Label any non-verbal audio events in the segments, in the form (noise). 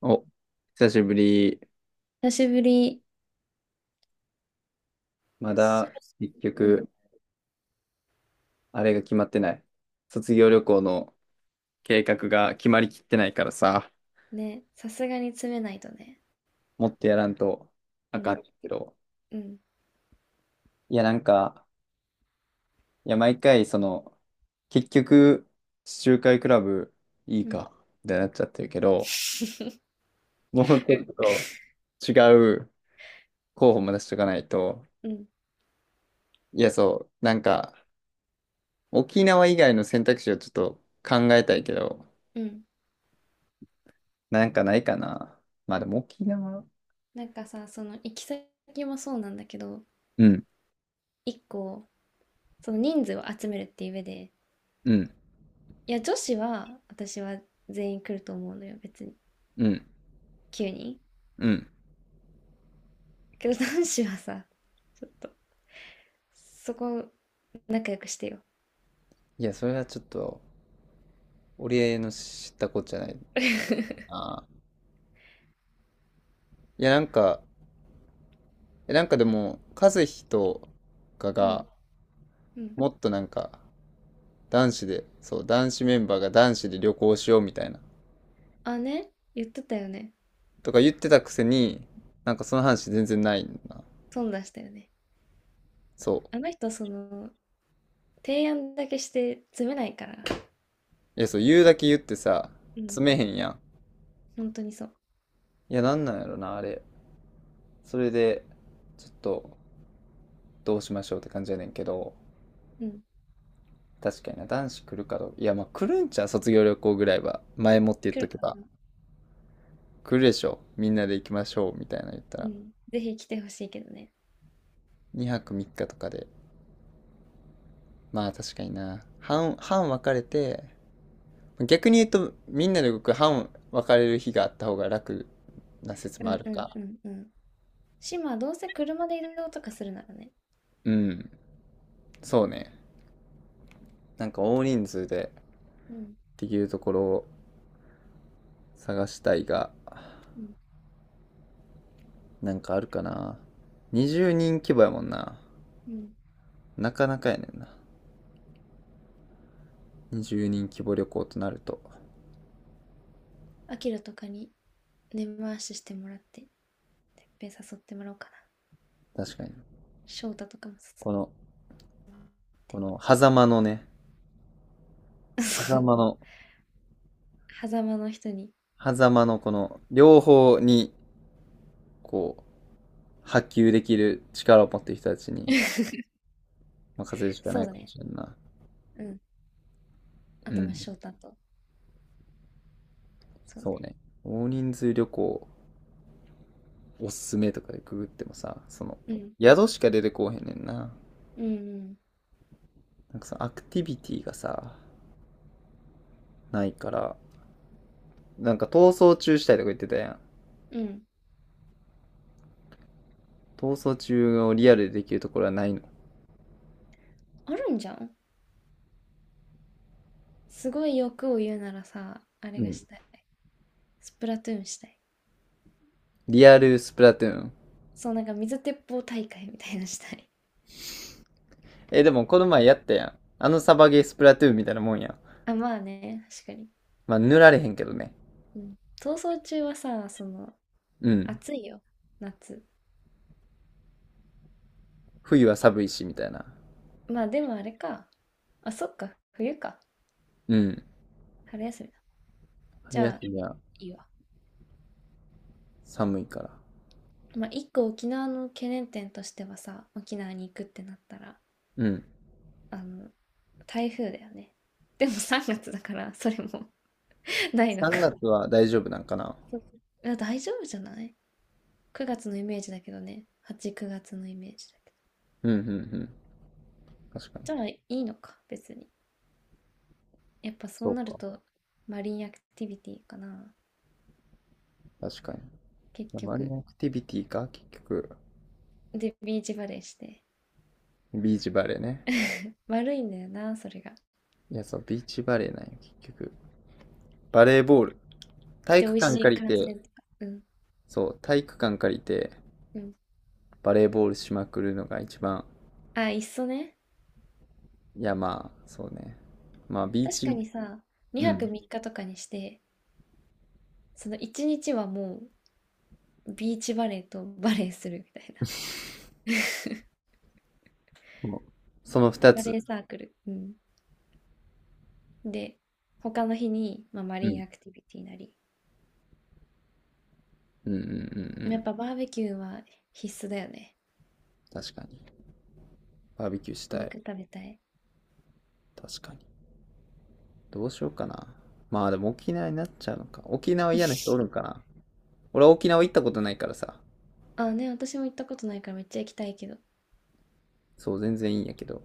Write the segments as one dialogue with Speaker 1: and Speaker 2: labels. Speaker 1: お、久しぶり。
Speaker 2: 久しぶり。
Speaker 1: ま
Speaker 2: そ
Speaker 1: だ、
Speaker 2: ろそ
Speaker 1: 結
Speaker 2: ろう
Speaker 1: 局、あれが決まってない。卒業旅行の計画が決まりきってないからさ、
Speaker 2: ん。ね。さすがに詰めないとね。
Speaker 1: もっとやらんと
Speaker 2: う
Speaker 1: あか
Speaker 2: ん。
Speaker 1: んけど。
Speaker 2: うん。
Speaker 1: いや、なんか、毎回、その、結局、地中海クラブいい
Speaker 2: うん。
Speaker 1: か、みたいになっちゃってるけど、もうちょっと違う候補も出しとかないと。
Speaker 2: うん。
Speaker 1: いや、そう、なんか、沖縄以外の選択肢をちょっと考えたいけど、
Speaker 2: うん。
Speaker 1: なんかないかな。まあでも沖縄
Speaker 2: なんかさ、その行き先もそうなんだけど、
Speaker 1: うん、
Speaker 2: 一個、その人数を集めるっていう上で、
Speaker 1: うん、
Speaker 2: いや、女子は、私は全員来ると思うのよ、別に。
Speaker 1: うん、
Speaker 2: 9人。
Speaker 1: うん。
Speaker 2: けど男子はさ、ちょっと、そこ、仲良くしてよ。
Speaker 1: いや、それはちょっと、俺の知ったことじゃない。
Speaker 2: (laughs)
Speaker 1: あー、いや、なんか、なんかでも、和樹とか
Speaker 2: うん。
Speaker 1: が、
Speaker 2: うん。
Speaker 1: もっとなんか、男子で、そう、男子メンバーが男子で旅行しようみたいな、
Speaker 2: あ、ね。言ってたよね。
Speaker 1: とか言ってたくせに、なんかその話全然ないんだな。
Speaker 2: 損出したよね。
Speaker 1: そう。
Speaker 2: あの人、その、提案だけして詰めないから。
Speaker 1: いや、そう、言うだけ言ってさ、
Speaker 2: うん、
Speaker 1: 詰めへんやん。
Speaker 2: 本当にそう。
Speaker 1: いや、なんなんやろな、あれ。それで、ちょっと、どうしましょうって感じやねんけど、
Speaker 2: うん。
Speaker 1: 確かにな、男子来るかどうか。いや、まあ来るんちゃう、卒業旅行ぐらいは。前もって言っ
Speaker 2: 来
Speaker 1: と
Speaker 2: る
Speaker 1: けば。
Speaker 2: か。
Speaker 1: 来るでしょ。みんなで行きましょう。みたいなの言った
Speaker 2: う
Speaker 1: ら。
Speaker 2: ん。ぜひ来てほしいけどね。
Speaker 1: 2泊3日とかで。まあ確かにな。半分かれて、逆に言うと、みんなで動く半分かれる日があった方が楽な説
Speaker 2: う
Speaker 1: もあ
Speaker 2: ん
Speaker 1: る
Speaker 2: うん
Speaker 1: か。
Speaker 2: うんうん。島はどうせ車で移動とかするならね。
Speaker 1: うん。そうね。なんか大人数で
Speaker 2: うん
Speaker 1: できるところを探したいが、
Speaker 2: うん
Speaker 1: なんかあるかな。20人規模やもんな。
Speaker 2: うん。
Speaker 1: なかなかやねんな。20人規模旅行となると。
Speaker 2: アキラとかに根回ししてもらって、いっぺん誘ってもらおうかな。
Speaker 1: 確かに。
Speaker 2: 翔太とかも誘っ
Speaker 1: この、こ
Speaker 2: て。
Speaker 1: の、狭間のね、
Speaker 2: (laughs) そ
Speaker 1: 狭
Speaker 2: う。
Speaker 1: 間の、
Speaker 2: 狭間の人に。
Speaker 1: 狭間のこの、両方に、こう、波及できる力を持っている人たちに
Speaker 2: (laughs)
Speaker 1: 任せるしか
Speaker 2: そ
Speaker 1: な
Speaker 2: う
Speaker 1: い
Speaker 2: だ
Speaker 1: かも
Speaker 2: ね。
Speaker 1: しれんな。
Speaker 2: うん。あ
Speaker 1: う
Speaker 2: とまあ
Speaker 1: ん。
Speaker 2: 翔太と。そう
Speaker 1: そう
Speaker 2: ね。
Speaker 1: ね。大人数旅行、おすすめとかでググってもさ、その、
Speaker 2: うん。
Speaker 1: 宿しか出てこうへんねんな。
Speaker 2: うん
Speaker 1: なんかそのアクティビティがさ、ないから、なんか逃走中したいとか言ってたやん。
Speaker 2: うん。うん。
Speaker 1: 逃走中をリアルでできるところはないの。
Speaker 2: あるんじゃん。すごい欲を言うならさ、あれ
Speaker 1: う
Speaker 2: が
Speaker 1: ん。
Speaker 2: したい。スプラトゥーンしたい。
Speaker 1: リアルスプラトゥーン。
Speaker 2: そう、なんか水鉄砲大会みたいなのしたい。
Speaker 1: え、でもこの前やったやん。あのサバゲースプラトゥーンみたいなもんやん。
Speaker 2: (laughs) あ、まあね、確かに。
Speaker 1: まあ、塗られへんけどね。
Speaker 2: うん。逃走中はさ、その、
Speaker 1: うん。
Speaker 2: 暑いよ、夏。
Speaker 1: 冬は寒いし、みたいな。
Speaker 2: まあでもあれか。あ、そっか、冬か。
Speaker 1: うん。
Speaker 2: 春休みだ。じ
Speaker 1: 春
Speaker 2: ゃ
Speaker 1: 休
Speaker 2: あ、
Speaker 1: みは
Speaker 2: いいわ。
Speaker 1: 寒いから。
Speaker 2: まあ一個沖縄の懸念点としてはさ、沖縄に行くってなったら、
Speaker 1: うん。
Speaker 2: あの、台風だよね。でも3月だから、それも (laughs) ないのか。
Speaker 1: 3月は大丈夫なんかな。
Speaker 2: そういや、大丈夫じゃない？ 9 月のイメージだけどね。8、9月のイメージだけど。
Speaker 1: うん、うん、うん。確か
Speaker 2: じゃ
Speaker 1: に。
Speaker 2: あ、いいのか、別に。やっぱそ
Speaker 1: そ
Speaker 2: う
Speaker 1: う
Speaker 2: なる
Speaker 1: か。
Speaker 2: と、マリンアクティビティかな。
Speaker 1: 確かに。い
Speaker 2: 結
Speaker 1: やマリ
Speaker 2: 局。
Speaker 1: ンアクティビティか結局。
Speaker 2: で、ビーチバレーして。
Speaker 1: ビーチバレーね。
Speaker 2: 悪いんだよな、それが。
Speaker 1: いや、そう、ビーチバレーなんよ、結局。バレーボール。体
Speaker 2: で、美
Speaker 1: 育
Speaker 2: 味
Speaker 1: 館
Speaker 2: しい
Speaker 1: 借り
Speaker 2: 観
Speaker 1: て、
Speaker 2: 戦とか。うん。
Speaker 1: そう、体育館借りて、
Speaker 2: うん。
Speaker 1: バレーボールしまくるのが一番。
Speaker 2: あ、いっそね。
Speaker 1: いや、まあ、そうね。まあ、ビー
Speaker 2: 確
Speaker 1: チ
Speaker 2: かにさ、
Speaker 1: う
Speaker 2: 2泊
Speaker 1: ん。
Speaker 2: 3日とかにして、その1日はもう、ビーチバレーとバレーするみたいな。
Speaker 1: もうその二
Speaker 2: バレ
Speaker 1: つ。
Speaker 2: ーサークル。うん。で、他の日に、まあ、マ
Speaker 1: う
Speaker 2: リ
Speaker 1: ん。
Speaker 2: ンアクティビティなり。
Speaker 1: うんうんうんう
Speaker 2: でも
Speaker 1: ん。
Speaker 2: やっぱバーベキューは必須だよね。
Speaker 1: 確かに。バーベキューしたい。
Speaker 2: 肉食べたい。
Speaker 1: 確かに。どうしようかな。まあでも沖縄になっちゃうのか。沖縄嫌な人おるんか
Speaker 2: (laughs)
Speaker 1: な。俺は沖縄行ったことないからさ。
Speaker 2: あ、ね、私も行ったことないからめっちゃ行きたいけど。
Speaker 1: そう、全然いいんやけど。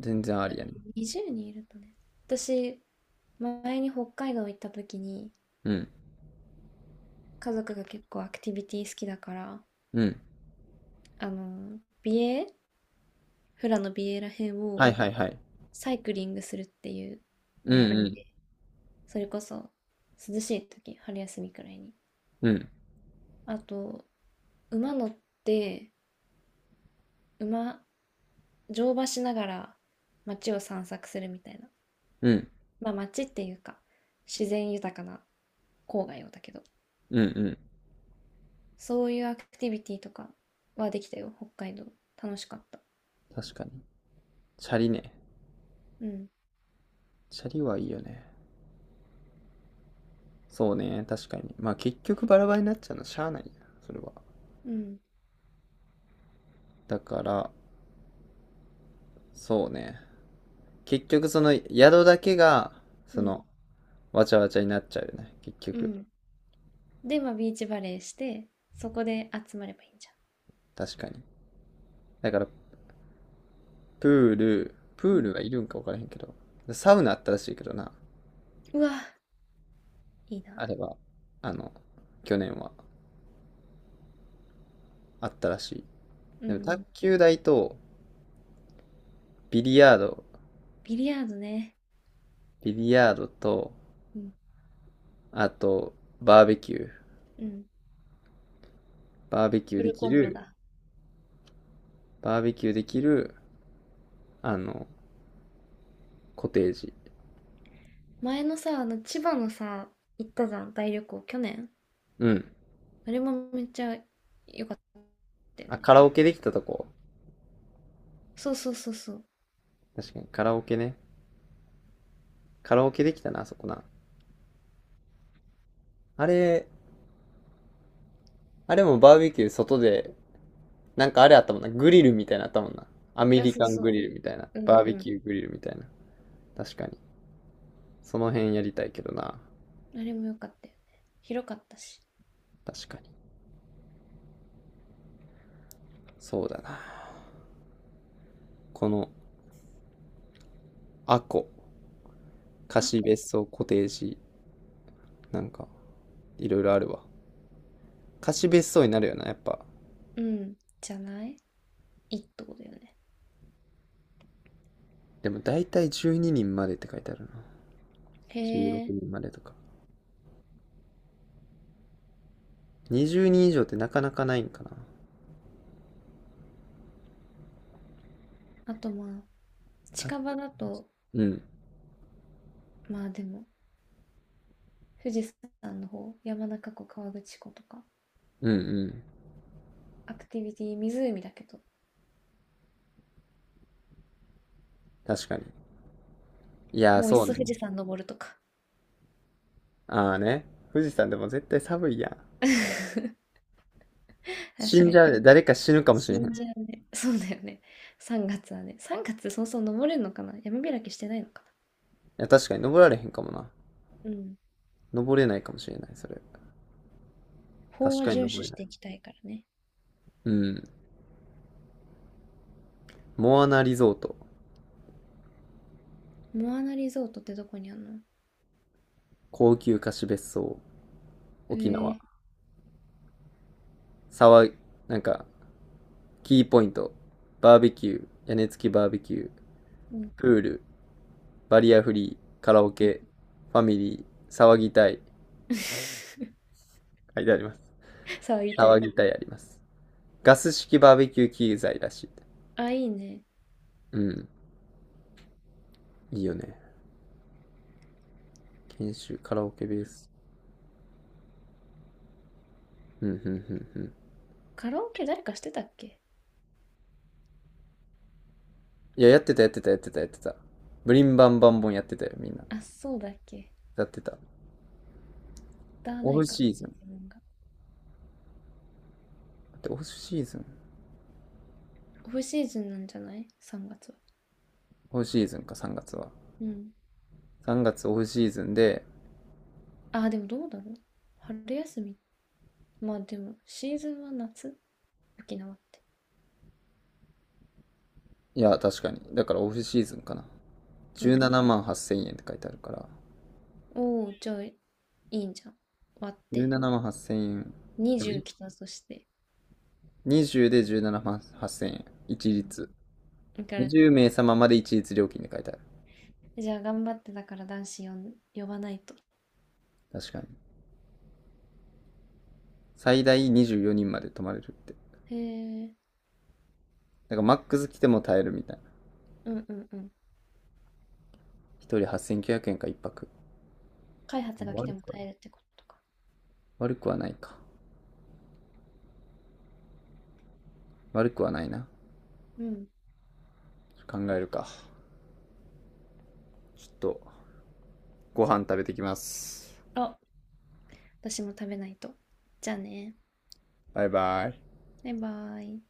Speaker 1: 全然ありやね。
Speaker 2: 20人いるとね。私、前に北海道行った時に、
Speaker 1: うん。
Speaker 2: 家族が結構アクティビティ好きだから、
Speaker 1: うん。
Speaker 2: あの、美瑛、フラの美瑛らへん
Speaker 1: は
Speaker 2: を
Speaker 1: いはいはい。
Speaker 2: サイクリングするっていう
Speaker 1: う
Speaker 2: のや
Speaker 1: ん
Speaker 2: っ
Speaker 1: うん。
Speaker 2: て、それこそ涼しい時、春休みくらいに。
Speaker 1: うん。
Speaker 2: あと、馬乗って、馬、乗馬しながら街を散策するみたいな。
Speaker 1: うん。
Speaker 2: まあ街っていうか、自然豊かな郊外をだけど。
Speaker 1: うんうん。
Speaker 2: そういうアクティビティとかはできたよ、北海道。楽しかった。
Speaker 1: 確かに。チャリね。
Speaker 2: うん、
Speaker 1: チャリはいいよね。そうね。確かに。まあ結局バラバラになっちゃうのしゃあないな。それは。
Speaker 2: うん、
Speaker 1: だから、そうね。結局その宿だけが、
Speaker 2: う
Speaker 1: そ
Speaker 2: ん、
Speaker 1: の、わちゃわちゃになっちゃうよね。結
Speaker 2: う
Speaker 1: 局。
Speaker 2: ん。で、まあ、ビーチバレーして、そこで集まればいいんじゃ
Speaker 1: 確かに。だから、
Speaker 2: ん。
Speaker 1: プ
Speaker 2: う
Speaker 1: ール
Speaker 2: ん。
Speaker 1: はいるんか分からへんけど。サウナあったらしいけどな。
Speaker 2: うわ、いい
Speaker 1: あ
Speaker 2: な。
Speaker 1: れは、あの、去年はあったらしい。
Speaker 2: う
Speaker 1: でも、卓
Speaker 2: ん。
Speaker 1: 球台と、ビリヤード、
Speaker 2: ビリヤードね。
Speaker 1: ビリヤードと、
Speaker 2: うん、
Speaker 1: あと、バーベキュー。
Speaker 2: うん。
Speaker 1: バーベキュー
Speaker 2: フ
Speaker 1: で
Speaker 2: ル
Speaker 1: き
Speaker 2: コンボ
Speaker 1: る、
Speaker 2: だ。
Speaker 1: バーベキューできる、あの、コテージ。
Speaker 2: 前のさ、あの、千葉のさ、行ったじゃん、大旅行、去年。
Speaker 1: うん。
Speaker 2: あれもめっちゃ良かったよ
Speaker 1: あ、
Speaker 2: ね。
Speaker 1: カラオケできたとこ。
Speaker 2: そうそうそうそう。
Speaker 1: 確かに、カラオケね。カラオケできたな、あそこな。あれ、あれもバーベキュー外で、なんかあれあったもんな。グリルみたいなのあったもんな。アメ
Speaker 2: いや、
Speaker 1: リ
Speaker 2: そう
Speaker 1: カン
Speaker 2: そ
Speaker 1: グリルみたいな。
Speaker 2: う。うん
Speaker 1: バー
Speaker 2: う
Speaker 1: ベ
Speaker 2: ん。
Speaker 1: キューグリルみたいな。確かに。その辺やりたいけどな。
Speaker 2: あれも良かったよね。広かったし。
Speaker 1: 確かに。そうだな。この、アコ、
Speaker 2: あ、
Speaker 1: 貸
Speaker 2: こ
Speaker 1: 別荘、コテージ、なんか、いろいろあるわ。貸別荘になるよな、やっぱ。
Speaker 2: うん。じゃない、いいってことよね。
Speaker 1: でも大体12人までって書いてあるな。
Speaker 2: へ
Speaker 1: 16
Speaker 2: え。
Speaker 1: 人までとか。20人以上ってなかなかないんかな。
Speaker 2: あとまあ、
Speaker 1: た
Speaker 2: 近場だと、
Speaker 1: うん。
Speaker 2: まあでも、富士山の方、山中湖、河口湖とか、
Speaker 1: うんうん。
Speaker 2: アクティビティ、湖だけど、
Speaker 1: 確かに。いやー、
Speaker 2: もういっ
Speaker 1: そう
Speaker 2: そ富
Speaker 1: ね。
Speaker 2: 士山登るとか。
Speaker 1: ああね。富士山でも絶対寒いやん。
Speaker 2: (laughs)
Speaker 1: 死
Speaker 2: 確か
Speaker 1: んじ
Speaker 2: に。
Speaker 1: ゃうで、(laughs) 誰か死ぬかもし
Speaker 2: 死
Speaker 1: れへん。い
Speaker 2: んじゃうね。そうだよね。3月はね。3月そもそも登れるのかな、山開きしてないのか
Speaker 1: や、確かに登られへんかもな。
Speaker 2: な。うん。
Speaker 1: 登れないかもしれない、それ。
Speaker 2: 法
Speaker 1: 確
Speaker 2: は
Speaker 1: か
Speaker 2: 遵
Speaker 1: に
Speaker 2: 守
Speaker 1: 登れ
Speaker 2: し
Speaker 1: ない。
Speaker 2: ていきたいからね。
Speaker 1: うん。モアナリゾート。
Speaker 2: モアナリゾートってどこにあんの？
Speaker 1: 高級貸し別荘。
Speaker 2: へ
Speaker 1: 沖
Speaker 2: え
Speaker 1: 縄。
Speaker 2: ー。
Speaker 1: 騒い、なんか、キーポイント。バーベキュー。屋根付きバーベキュー。
Speaker 2: うん。
Speaker 1: プール。バリアフリー。カラオ
Speaker 2: うん
Speaker 1: ケ。ファミリー。騒ぎたい。
Speaker 2: (laughs)
Speaker 1: 書いてあります。
Speaker 2: さあ、言いた
Speaker 1: 騒
Speaker 2: い。
Speaker 1: ぎたいあります。ガス式バーベキュー機材らしい。
Speaker 2: あ、いいね。
Speaker 1: うん。いいよね。研修、カラオケベース。うん、うん、うん、うん。
Speaker 2: カラオケ誰かしてたっけ？
Speaker 1: いや、やってた、やってた、やってた、やってた。ブリンバンバンボンやってたよ、みんな。
Speaker 2: あ、そうだっけ？
Speaker 1: やってた。
Speaker 2: 歌わ
Speaker 1: オ
Speaker 2: な
Speaker 1: フ
Speaker 2: いから
Speaker 1: シーズ
Speaker 2: ね、
Speaker 1: ン。
Speaker 2: 自分が。
Speaker 1: だってオフシーズン
Speaker 2: オフシーズンなんじゃない？ 3 月は。
Speaker 1: オフシーズンか、3月は。
Speaker 2: うん。
Speaker 1: 3月オフシーズンで、
Speaker 2: あ、でもどうだろう、春休み。まあでも、シーズンは夏、沖縄って。
Speaker 1: いや、確かに。だからオフシーズンかな。
Speaker 2: う
Speaker 1: 17
Speaker 2: ん。
Speaker 1: 万8千円っせんえんって書いてあるから。
Speaker 2: おお、じゃあ、いいんじゃん。割って。
Speaker 1: 17万8千円。
Speaker 2: 20来たとして。
Speaker 1: 20で17万8千円。一
Speaker 2: うん。
Speaker 1: 律。
Speaker 2: だから、
Speaker 1: 20名様ままで一律料金で書いてある。
Speaker 2: じゃあ頑張ってだから男子呼ばないと。
Speaker 1: 確かに。最大24人まで泊まれるって。だ
Speaker 2: へえ。
Speaker 1: からマックス来ても耐えるみたいな。
Speaker 2: うんうんうん。
Speaker 1: 一人8900円か一泊。
Speaker 2: 開発が来
Speaker 1: 悪
Speaker 2: ても
Speaker 1: くは、
Speaker 2: 耐えるってことか。
Speaker 1: 悪くはないか。悪くはないな。
Speaker 2: うん。
Speaker 1: 考えるか。ちょっと、ご飯食べてきます。
Speaker 2: あ、私も食べないと。じゃあね。
Speaker 1: バイバイ。
Speaker 2: バイバーイ。